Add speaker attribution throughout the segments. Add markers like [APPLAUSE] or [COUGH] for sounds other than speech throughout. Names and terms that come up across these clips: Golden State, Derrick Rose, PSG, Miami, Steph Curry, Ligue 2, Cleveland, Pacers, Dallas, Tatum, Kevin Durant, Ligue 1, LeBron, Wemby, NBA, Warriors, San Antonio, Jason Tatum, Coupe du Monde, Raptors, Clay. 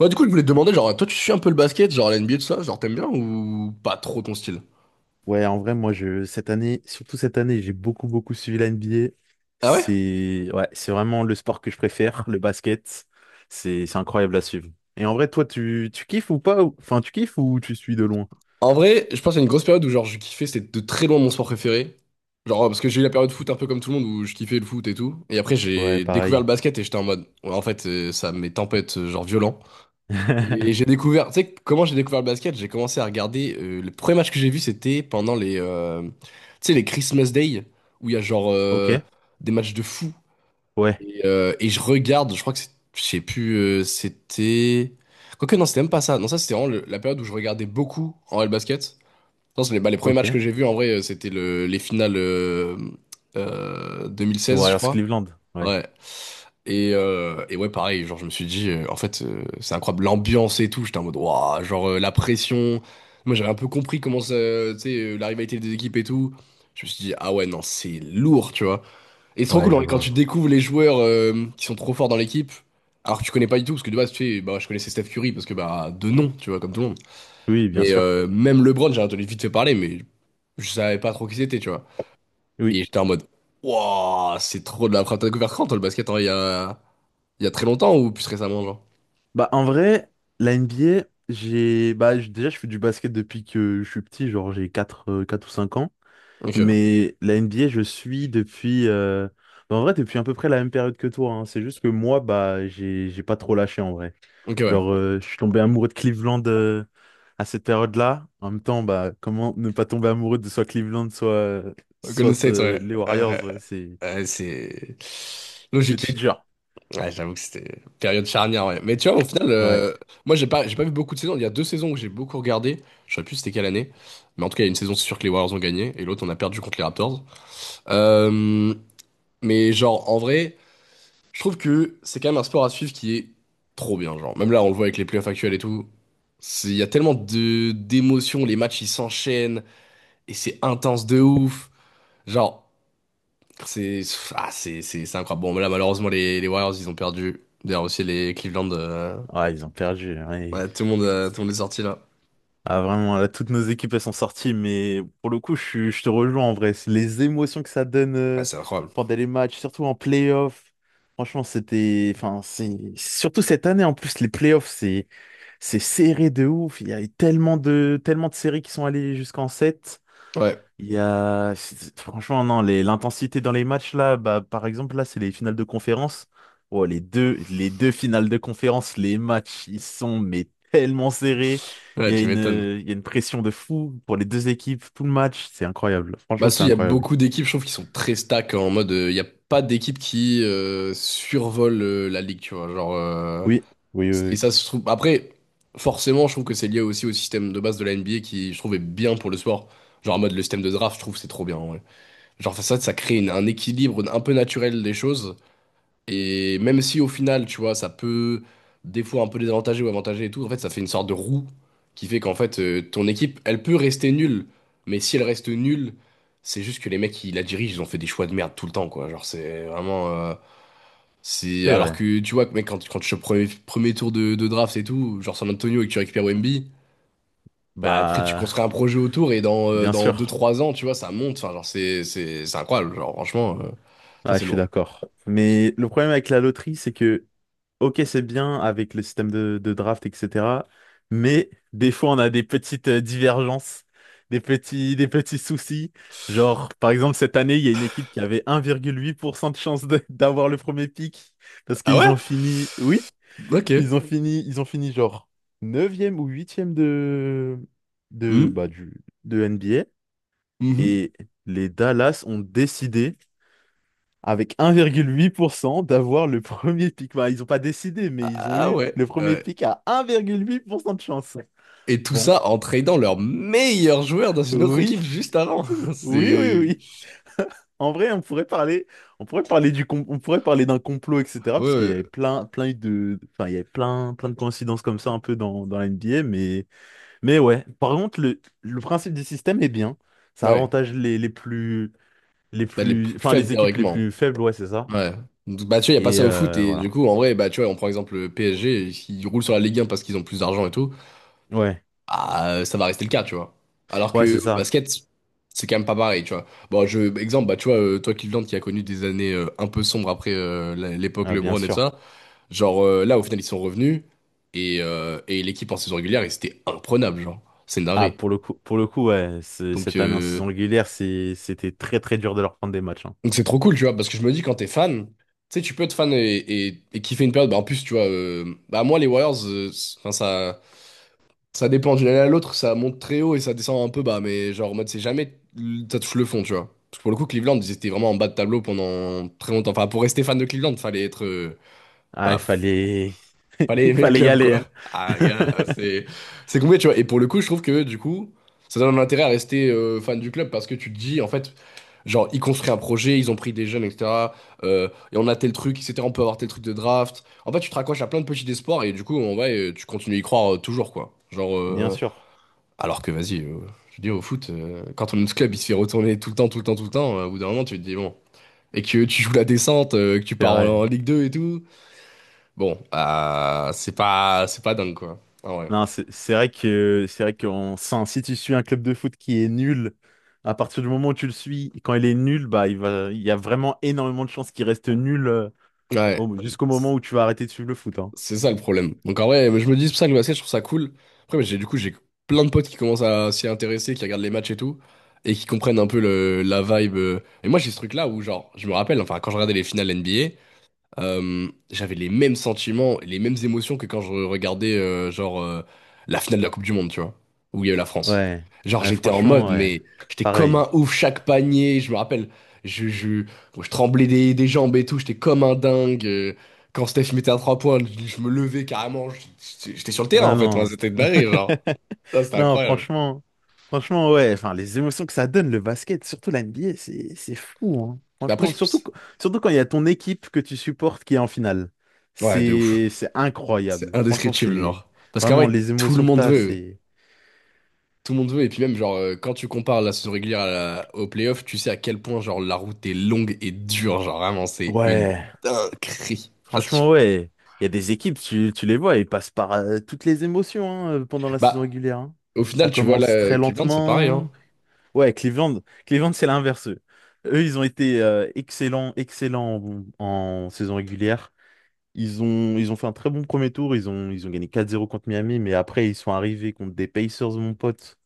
Speaker 1: Ouais, du coup, je voulais te demander, genre, toi, tu suis un peu le basket, genre l'NBA, tout ça, genre, t'aimes bien ou pas trop ton style?
Speaker 2: Ouais, en vrai, moi, cette année, surtout cette année, j'ai beaucoup, beaucoup suivi la NBA.
Speaker 1: Ah ouais?
Speaker 2: Ouais, c'est vraiment le sport que je préfère, [LAUGHS] le basket. C'est incroyable à suivre. Et en vrai, toi, tu kiffes ou pas? Enfin, tu kiffes ou tu suis de loin?
Speaker 1: En vrai, je pense à une grosse période où, genre, je kiffais, c'était de très loin mon sport préféré. Genre, ouais, parce que j'ai eu la période foot un peu comme tout le monde où je kiffais le foot et tout. Et après,
Speaker 2: Ouais,
Speaker 1: j'ai découvert
Speaker 2: pareil.
Speaker 1: le basket et j'étais en mode, ouais, en fait, ça m'est tempête, genre, violent. Et j'ai
Speaker 2: [LAUGHS]
Speaker 1: découvert, tu sais, comment j'ai découvert le basket? J'ai commencé à regarder, le premier match que j'ai vu, c'était pendant les, tu sais, les Christmas Day, où il y a, genre,
Speaker 2: Ok,
Speaker 1: des matchs de fou.
Speaker 2: ouais,
Speaker 1: Et je regarde, je crois que c'est, je sais plus, c'était. Quoique, non, c'était même pas ça. Non, ça, c'était vraiment la période où je regardais beaucoup en L basket. Non, c'est les, bah, les premiers
Speaker 2: ok.
Speaker 1: matchs
Speaker 2: Les
Speaker 1: que j'ai vus, en vrai, c'était le, les finales 2016, je
Speaker 2: Warriors
Speaker 1: crois.
Speaker 2: Cleveland, ouais.
Speaker 1: Ouais. Et ouais, pareil, genre, je me suis dit, en fait, c'est incroyable, l'ambiance et tout. J'étais en mode, waouh, genre, la pression. Moi, j'avais un peu compris comment ça, tu sais, la rivalité des équipes et tout. Je me suis dit, ah ouais, non, c'est lourd, tu vois. Et c'est trop
Speaker 2: Ouais,
Speaker 1: cool, en
Speaker 2: je
Speaker 1: vrai, quand tu
Speaker 2: vois.
Speaker 1: découvres les joueurs qui sont trop forts dans l'équipe, alors que tu connais pas du tout, parce que de base, tu sais, bah, je connaissais Steph Curry, parce que bah, de nom, tu vois, comme tout le monde.
Speaker 2: Oui, bien
Speaker 1: Mais
Speaker 2: sûr.
Speaker 1: même LeBron, j'ai entendu vite fait parler, mais je savais pas trop qui c'était, tu vois.
Speaker 2: Oui.
Speaker 1: Et j'étais en mode, waouh, c'est trop de la frappe. T'as découvert quand, toi, le basket, hein, il y a très longtemps ou plus récemment, genre?
Speaker 2: Bah, en vrai, la NBA, bah, déjà, je fais du basket depuis que je suis petit, genre, j'ai 4 ou 5 ans.
Speaker 1: Ok,
Speaker 2: Mais la NBA, je suis bah, en vrai, depuis à peu près la même période que toi. Hein. C'est juste que moi, bah, j'ai pas trop lâché en vrai.
Speaker 1: ok, ouais.
Speaker 2: Genre, je suis tombé amoureux de Cleveland à cette période-là. En même temps, bah, comment ne pas tomber amoureux de soit Cleveland, soit, euh,
Speaker 1: Golden
Speaker 2: soit
Speaker 1: State,
Speaker 2: euh,
Speaker 1: ouais.
Speaker 2: les
Speaker 1: Euh,
Speaker 2: Warriors, ouais, c'est,
Speaker 1: c'est
Speaker 2: c'était
Speaker 1: logique.
Speaker 2: dur.
Speaker 1: Ouais, j'avoue que c'était une période charnière, ouais. Mais tu vois, au final,
Speaker 2: Ouais.
Speaker 1: moi, j'ai pas vu beaucoup de saisons. Il y a deux saisons que j'ai beaucoup regardé. Je sais plus c'était quelle année. Mais en tout cas, il y a une saison, c'est sûr que les Warriors ont gagné. Et l'autre, on a perdu contre les Raptors. Euh, mais genre, en vrai, je trouve que c'est quand même un sport à suivre qui est trop bien. Genre, même là, on le voit avec les playoffs actuels et tout. Il y a tellement de d'émotions. Les matchs, ils s'enchaînent. Et c'est intense de ouf. Genre, c'est ah, c'est incroyable. Bon, mais là, malheureusement, les Warriors, ils ont perdu. D'ailleurs, aussi les Cleveland.
Speaker 2: Ouais, ils ont perdu. Ouais.
Speaker 1: Ouais, tout le monde est sorti là.
Speaker 2: Ah vraiment, là, toutes nos équipes, elles sont sorties, mais pour le coup, je te rejoins en vrai. C'est les émotions que ça donne
Speaker 1: Ouais,
Speaker 2: euh,
Speaker 1: c'est incroyable.
Speaker 2: pendant les matchs, surtout en playoff. Franchement, enfin, surtout cette année, en plus, les playoffs, c'est serré de ouf. Il y a eu tellement de séries qui sont allées jusqu'en 7.
Speaker 1: Ouais.
Speaker 2: Il y a... c'est- Franchement, non, l'intensité dans les matchs, là, bah, par exemple, là, c'est les finales de conférence. Oh, les deux finales de conférence, les matchs, ils sont mais tellement serrés.
Speaker 1: Ouais, tu m'étonnes.
Speaker 2: Il y a une pression de fou pour les deux équipes, tout le match. C'est incroyable. Franchement,
Speaker 1: Bah,
Speaker 2: c'est
Speaker 1: si, il y a
Speaker 2: incroyable.
Speaker 1: beaucoup d'équipes, je trouve, qui sont très stack, hein, en mode, il n'y a pas d'équipe qui survole la ligue, tu vois. Genre,
Speaker 2: Oui, oui, oui,
Speaker 1: et
Speaker 2: oui.
Speaker 1: ça se trouve. Après, forcément, je trouve que c'est lié aussi au système de base de la NBA qui, je trouve, est bien pour le sport. Genre, en mode, le système de draft, je trouve, c'est trop bien, en vrai. Genre, ça crée un équilibre un peu naturel des choses. Et même si au final, tu vois, ça peut des fois un peu désavantager ou avantager et tout, en fait, ça fait une sorte de roue qui fait qu'en fait, ton équipe, elle peut rester nulle, mais si elle reste nulle, c'est juste que les mecs qui la dirigent, ils ont fait des choix de merde tout le temps, quoi. Genre, c'est vraiment.
Speaker 2: C'est
Speaker 1: Alors
Speaker 2: vrai.
Speaker 1: que, tu vois, mec, quand tu chopes premier tour de draft et tout, genre San Antonio et que tu récupères Wemby, bah après, tu
Speaker 2: Bah,
Speaker 1: construis un projet autour et
Speaker 2: bien
Speaker 1: dans deux
Speaker 2: sûr.
Speaker 1: trois ans, tu vois, ça monte. Enfin, genre, c'est incroyable. Genre, franchement, ça,
Speaker 2: Ah, je
Speaker 1: c'est
Speaker 2: suis
Speaker 1: lourd.
Speaker 2: d'accord. Mais le problème avec la loterie, c'est que ok, c'est bien avec le système de draft, etc. Mais des fois, on a des petites divergences, des petits soucis. Genre, par exemple, cette année, il y a une équipe qui avait 1,8% de chance [LAUGHS] d'avoir le premier pick parce
Speaker 1: Ah
Speaker 2: qu'ils
Speaker 1: ouais?
Speaker 2: ont fini, oui,
Speaker 1: Ok.
Speaker 2: ils ont fini genre neuvième ou huitième de,
Speaker 1: Hmm.
Speaker 2: bah, du, de NBA.
Speaker 1: Mhm.
Speaker 2: Et les Dallas ont décidé avec 1,8% d'avoir le premier pic. Bah, ils n'ont pas décidé, mais ils ont
Speaker 1: Ah
Speaker 2: eu
Speaker 1: ouais,
Speaker 2: le premier
Speaker 1: ouais.
Speaker 2: pic à 1,8% de chance.
Speaker 1: Et tout
Speaker 2: Bon,
Speaker 1: ça en tradant leur meilleur joueur dans une autre
Speaker 2: oui,
Speaker 1: équipe juste avant.
Speaker 2: [LAUGHS]
Speaker 1: [LAUGHS]
Speaker 2: oui, oui,
Speaker 1: C'est.
Speaker 2: oui. En vrai, on pourrait parler d'un complot, etc.
Speaker 1: Ouais,
Speaker 2: Parce qu'il y
Speaker 1: ouais.
Speaker 2: avait plein, plein de, enfin, il y avait plein, plein de coïncidences comme ça un peu dans la NBA, mais ouais. Par contre, le principe du système est bien. Ça
Speaker 1: Ouais.
Speaker 2: avantage
Speaker 1: Bah, les plus
Speaker 2: enfin,
Speaker 1: faibles
Speaker 2: les équipes les
Speaker 1: théoriquement.
Speaker 2: plus faibles, ouais, c'est ça.
Speaker 1: Ouais. Donc, tu vois, il n'y a pas
Speaker 2: Et
Speaker 1: ça au foot. Et du
Speaker 2: voilà.
Speaker 1: coup, en vrai, bah, tu vois, on prend exemple le PSG, ils roulent sur la Ligue 1 parce qu'ils ont plus d'argent et tout.
Speaker 2: Ouais,
Speaker 1: Ah, ça va rester le cas, tu vois. Alors
Speaker 2: ouais,
Speaker 1: que
Speaker 2: c'est
Speaker 1: au
Speaker 2: ça.
Speaker 1: basket, c'est quand même pas pareil, tu vois. Bon, je, exemple, bah, tu vois, toi, Cleveland, qui a connu des années un peu sombres après l'époque
Speaker 2: Ah, bien
Speaker 1: LeBron et tout
Speaker 2: sûr.
Speaker 1: ça. Genre, là, au final, ils sont revenus et l'équipe en saison régulière, et c'était imprenable, genre. C'est une
Speaker 2: Ah,
Speaker 1: dinguerie.
Speaker 2: pour le coup, ouais,
Speaker 1: Donc
Speaker 2: cette année en
Speaker 1: euh,
Speaker 2: saison régulière, c'était très très dur de leur prendre des matchs. Hein.
Speaker 1: donc c'est trop cool, tu vois, parce que je me dis quand t'es fan, tu sais, tu peux être fan et kiffer une période. Bah, en plus, tu vois, bah moi les Warriors, enfin ça dépend d'une année à l'autre, ça monte très haut et ça descend un peu bas, mais genre en mode c'est jamais ça touche le fond, tu vois. Parce que pour le coup, Cleveland, ils étaient vraiment en bas de tableau pendant très longtemps. Enfin, pour rester fan de Cleveland, fallait être
Speaker 2: Ah, il
Speaker 1: bah,
Speaker 2: fallait, [LAUGHS]
Speaker 1: fallait
Speaker 2: il
Speaker 1: aimer le
Speaker 2: fallait y
Speaker 1: club,
Speaker 2: aller.
Speaker 1: quoi.
Speaker 2: Hein. [LAUGHS]
Speaker 1: Ah, gars, c'est compliqué, tu vois. Et pour le coup, je trouve que, du coup, ça donne un intérêt à rester, fan du club parce que tu te dis, en fait, genre, ils construisent un projet, ils ont pris des jeunes, etc. Et on a tel truc, etc. On peut avoir tel truc de draft. En fait, tu te raccroches à plein de petits espoirs et du coup, en vrai, tu continues à y croire toujours, quoi. Genre,
Speaker 2: Bien sûr,
Speaker 1: alors que, vas-y, je dis au foot, quand on ce club, il se fait retourner tout le temps, tout le temps, tout le temps. Au bout d'un moment, tu te dis, bon. Et que tu joues la descente, que tu
Speaker 2: c'est
Speaker 1: pars
Speaker 2: vrai.
Speaker 1: en Ligue 2 et tout. Bon, c'est pas dingue, quoi. Ah ouais.
Speaker 2: Non, c'est vrai que c'est vrai qu'on sent, si tu suis un club de foot qui est nul, à partir du moment où tu le suis, quand il est nul, bah il y a vraiment énormément de chances qu'il reste nul,
Speaker 1: Ouais.
Speaker 2: jusqu'au moment où tu vas arrêter de suivre le foot, hein.
Speaker 1: C'est ça le problème. Donc en vrai, je me dis c'est pour ça que le basket, je trouve ça cool. Après, mais j'ai du coup, j'ai plein de potes qui commencent à s'y intéresser, qui regardent les matchs et tout, et qui comprennent un peu le, la vibe. Et moi, j'ai ce truc-là où, genre, je me rappelle, enfin, quand je regardais les finales NBA, j'avais les mêmes sentiments, les mêmes émotions que quand je regardais genre, la finale de la Coupe du Monde, tu vois, où il y a eu la France.
Speaker 2: Ouais.
Speaker 1: Genre
Speaker 2: Ouais,
Speaker 1: j'étais en
Speaker 2: franchement,
Speaker 1: mode,
Speaker 2: ouais.
Speaker 1: mais j'étais comme
Speaker 2: Pareil.
Speaker 1: un ouf chaque panier. Je me rappelle, je, je, je tremblais des jambes et tout. J'étais comme un dingue. Quand Steph mettait un trois points, je me levais carrément. J'étais sur le terrain
Speaker 2: Ah
Speaker 1: en fait. Moi,
Speaker 2: non.
Speaker 1: c'était de la genre.
Speaker 2: [LAUGHS]
Speaker 1: Ça, c'était
Speaker 2: Non,
Speaker 1: incroyable.
Speaker 2: franchement, franchement, ouais, enfin, les émotions que ça donne, le basket, surtout la NBA, c'est fou, hein.
Speaker 1: Mais après,
Speaker 2: Franchement,
Speaker 1: je...
Speaker 2: surtout, surtout quand il y a ton équipe que tu supportes qui est en finale.
Speaker 1: ouais, de ouf.
Speaker 2: C'est
Speaker 1: C'est
Speaker 2: incroyable. Franchement,
Speaker 1: indescriptible,
Speaker 2: c'est
Speaker 1: genre. Parce qu'en
Speaker 2: vraiment
Speaker 1: vrai,
Speaker 2: les
Speaker 1: tout le
Speaker 2: émotions que
Speaker 1: monde
Speaker 2: t'as,
Speaker 1: veut. Tout le monde veut, et puis même, genre, quand tu compares la saison régulière à au playoff, tu sais à quel point, genre, la route est longue et dure. Genre, vraiment, c'est une
Speaker 2: ouais,
Speaker 1: dinguerie. Parce que,
Speaker 2: franchement, ouais. Il y a des équipes, tu les vois, ils passent par, toutes les émotions, hein, pendant la saison
Speaker 1: bah,
Speaker 2: régulière, hein.
Speaker 1: au
Speaker 2: Ça
Speaker 1: final, tu vois,
Speaker 2: commence
Speaker 1: là,
Speaker 2: très
Speaker 1: Cleveland, c'est pareil, hein.
Speaker 2: lentement. Ouais, Cleveland, Cleveland, c'est l'inverse. Eux, Ils ont été excellents, excellents en saison régulière. Ils ont fait un très bon premier tour. Ils ont gagné 4-0 contre Miami, mais après, ils sont arrivés contre des Pacers, mon pote.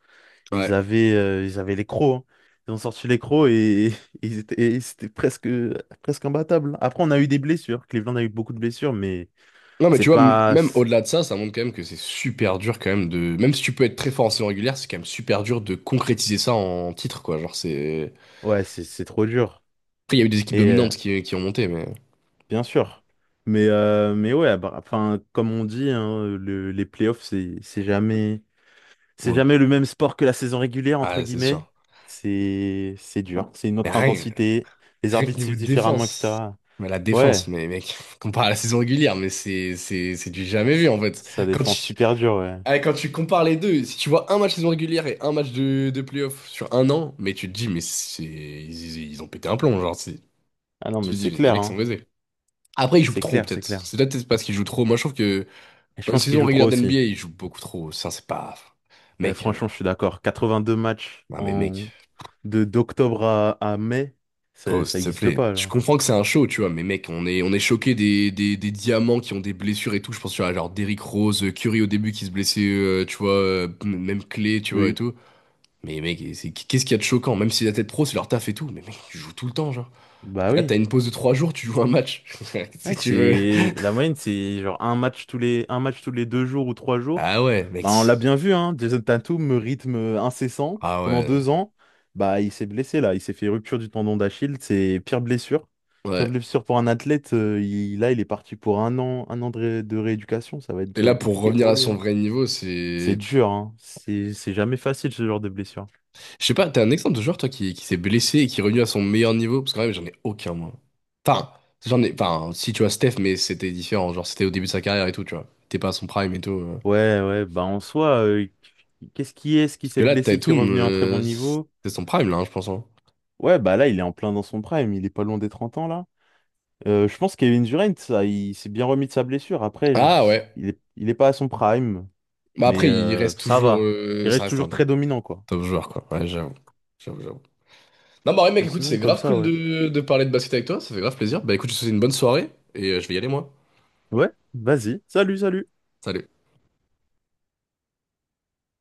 Speaker 2: Ils
Speaker 1: Ouais.
Speaker 2: avaient, euh, ils avaient les crocs. Hein. Ils ont sorti les crocs et, [LAUGHS] et et c'était presque, presque imbattables. Après, on a eu des blessures. Cleveland a eu beaucoup de blessures, mais
Speaker 1: Non, mais
Speaker 2: c'est
Speaker 1: tu vois,
Speaker 2: pas.
Speaker 1: même au-delà de ça, ça montre quand même que c'est super dur, quand même, de. Même si tu peux être très fort en saison régulière, c'est quand même super dur de concrétiser ça en titre, quoi. Genre, c'est.
Speaker 2: Ouais, c'est trop dur.
Speaker 1: Après, il y a eu des équipes
Speaker 2: Et
Speaker 1: dominantes qui ont monté, mais.
Speaker 2: bien sûr. Mais ouais, bah, enfin, comme on dit, hein, les playoffs, c'est, c'est jamais, c'est
Speaker 1: Ouais.
Speaker 2: jamais le même sport que la saison régulière, entre
Speaker 1: Ah, c'est
Speaker 2: guillemets.
Speaker 1: sûr.
Speaker 2: C'est dur. C'est une
Speaker 1: Mais
Speaker 2: autre
Speaker 1: rien,
Speaker 2: intensité. Les
Speaker 1: rien que
Speaker 2: arbitres
Speaker 1: niveau
Speaker 2: sifflent
Speaker 1: de
Speaker 2: différemment,
Speaker 1: défense.
Speaker 2: etc.
Speaker 1: Mais la
Speaker 2: Ouais,
Speaker 1: défense, mais mec, [LAUGHS] compare à la saison régulière, mais c'est du jamais
Speaker 2: c-
Speaker 1: vu en fait.
Speaker 2: ça
Speaker 1: Quand
Speaker 2: défend
Speaker 1: tu,
Speaker 2: super dur, ouais.
Speaker 1: quand tu compares les deux, si tu vois un match saison régulière et un match de playoff sur un an, mais tu te dis, mais c'est, ils ont pété un plomb, genre,
Speaker 2: Ah non,
Speaker 1: tu
Speaker 2: mais
Speaker 1: te dis,
Speaker 2: c'est
Speaker 1: les
Speaker 2: clair,
Speaker 1: mecs sont
Speaker 2: hein.
Speaker 1: baisés. Après, ils jouent
Speaker 2: C'est
Speaker 1: trop
Speaker 2: clair, c'est
Speaker 1: peut-être.
Speaker 2: clair.
Speaker 1: C'est peut-être parce qu'ils jouent trop. Moi, je trouve que
Speaker 2: Et je
Speaker 1: dans une
Speaker 2: pense qu'ils
Speaker 1: saison
Speaker 2: jouent trop
Speaker 1: régulière
Speaker 2: aussi.
Speaker 1: d'NBA, ils jouent beaucoup trop. Ça, c'est pas.
Speaker 2: Eh,
Speaker 1: Mec,
Speaker 2: franchement, je suis d'accord. 82 matchs
Speaker 1: non mais mec.
Speaker 2: d'octobre à mai,
Speaker 1: Gros,
Speaker 2: ça,
Speaker 1: s'il
Speaker 2: ça
Speaker 1: te
Speaker 2: existe
Speaker 1: plaît.
Speaker 2: pas,
Speaker 1: Je
Speaker 2: genre.
Speaker 1: comprends que c'est un show, tu vois, mais mec, on est choqué des diamants qui ont des blessures et tout. Je pense, tu vois, genre Derrick Rose, Curry au début qui se blessait, tu vois, même Clay, tu vois, et
Speaker 2: Oui.
Speaker 1: tout. Mais mec, qu'est-ce qu'il y a de choquant? Même si la tête pro, c'est leur taf et tout. Mais mec, tu joues tout le temps, genre.
Speaker 2: Bah
Speaker 1: Et là, t'as
Speaker 2: oui.
Speaker 1: une pause de 3 jours, tu joues un match. [LAUGHS] Qu'est-ce
Speaker 2: Ouais,
Speaker 1: que tu veux?
Speaker 2: c'est la moyenne, c'est genre un match tous les 2 jours ou 3 jours.
Speaker 1: Ah ouais, mec.
Speaker 2: Bah, on l'a bien vu, hein. Jason Tatum, rythme incessant
Speaker 1: Ah
Speaker 2: pendant
Speaker 1: ouais.
Speaker 2: 2 ans. Bah, il s'est blessé là, il s'est fait rupture du tendon d'Achille, c'est pire blessure. Pire
Speaker 1: Ouais.
Speaker 2: blessure pour un athlète. Là, il est parti pour un an de rééducation. Ça va
Speaker 1: Et
Speaker 2: être
Speaker 1: là, pour
Speaker 2: compliqué
Speaker 1: revenir
Speaker 2: pour
Speaker 1: à
Speaker 2: lui.
Speaker 1: son
Speaker 2: Hein.
Speaker 1: vrai niveau,
Speaker 2: C'est
Speaker 1: c'est.
Speaker 2: dur, hein. C'est jamais facile ce genre de blessure.
Speaker 1: Je sais pas, t'as un exemple de joueur, toi, qui s'est blessé et qui est revenu à son meilleur niveau? Parce que quand même, j'en ai aucun, moi. Enfin, j'en ai... Enfin, si, tu vois, Steph, mais c'était différent. Genre, c'était au début de sa carrière et tout, tu vois. T'es pas à son prime et tout.
Speaker 2: Ouais, ouais. Bah en soi, qu'est-ce qui est-ce qui
Speaker 1: Parce que
Speaker 2: s'est
Speaker 1: là,
Speaker 2: blessé qui est
Speaker 1: Tatum,
Speaker 2: revenu à un très bon niveau?
Speaker 1: c'est son prime, là, hein, je pense, hein.
Speaker 2: Ouais, bah là, il est en plein dans son prime, il est pas loin des 30 ans, là. Je pense que Kevin Durant, ça, il s'est bien remis de sa blessure. Après,
Speaker 1: Ah, ouais.
Speaker 2: il est pas à son prime,
Speaker 1: Bah,
Speaker 2: mais
Speaker 1: après, il
Speaker 2: euh,
Speaker 1: reste
Speaker 2: ça
Speaker 1: toujours...
Speaker 2: va. Il
Speaker 1: ça
Speaker 2: reste
Speaker 1: reste
Speaker 2: toujours
Speaker 1: un
Speaker 2: très dominant, quoi.
Speaker 1: top joueur, quoi. Ouais, j'avoue. J'avoue, j'avoue. Non, bah, ouais, mec,
Speaker 2: Mais
Speaker 1: écoute, c'est
Speaker 2: sinon, comme
Speaker 1: grave
Speaker 2: ça,
Speaker 1: cool
Speaker 2: ouais.
Speaker 1: de parler de basket avec toi. Ça fait grave plaisir. Bah, écoute, je te souhaite une bonne soirée et je vais y aller, moi.
Speaker 2: Ouais, vas-y. Salut, salut.
Speaker 1: Salut.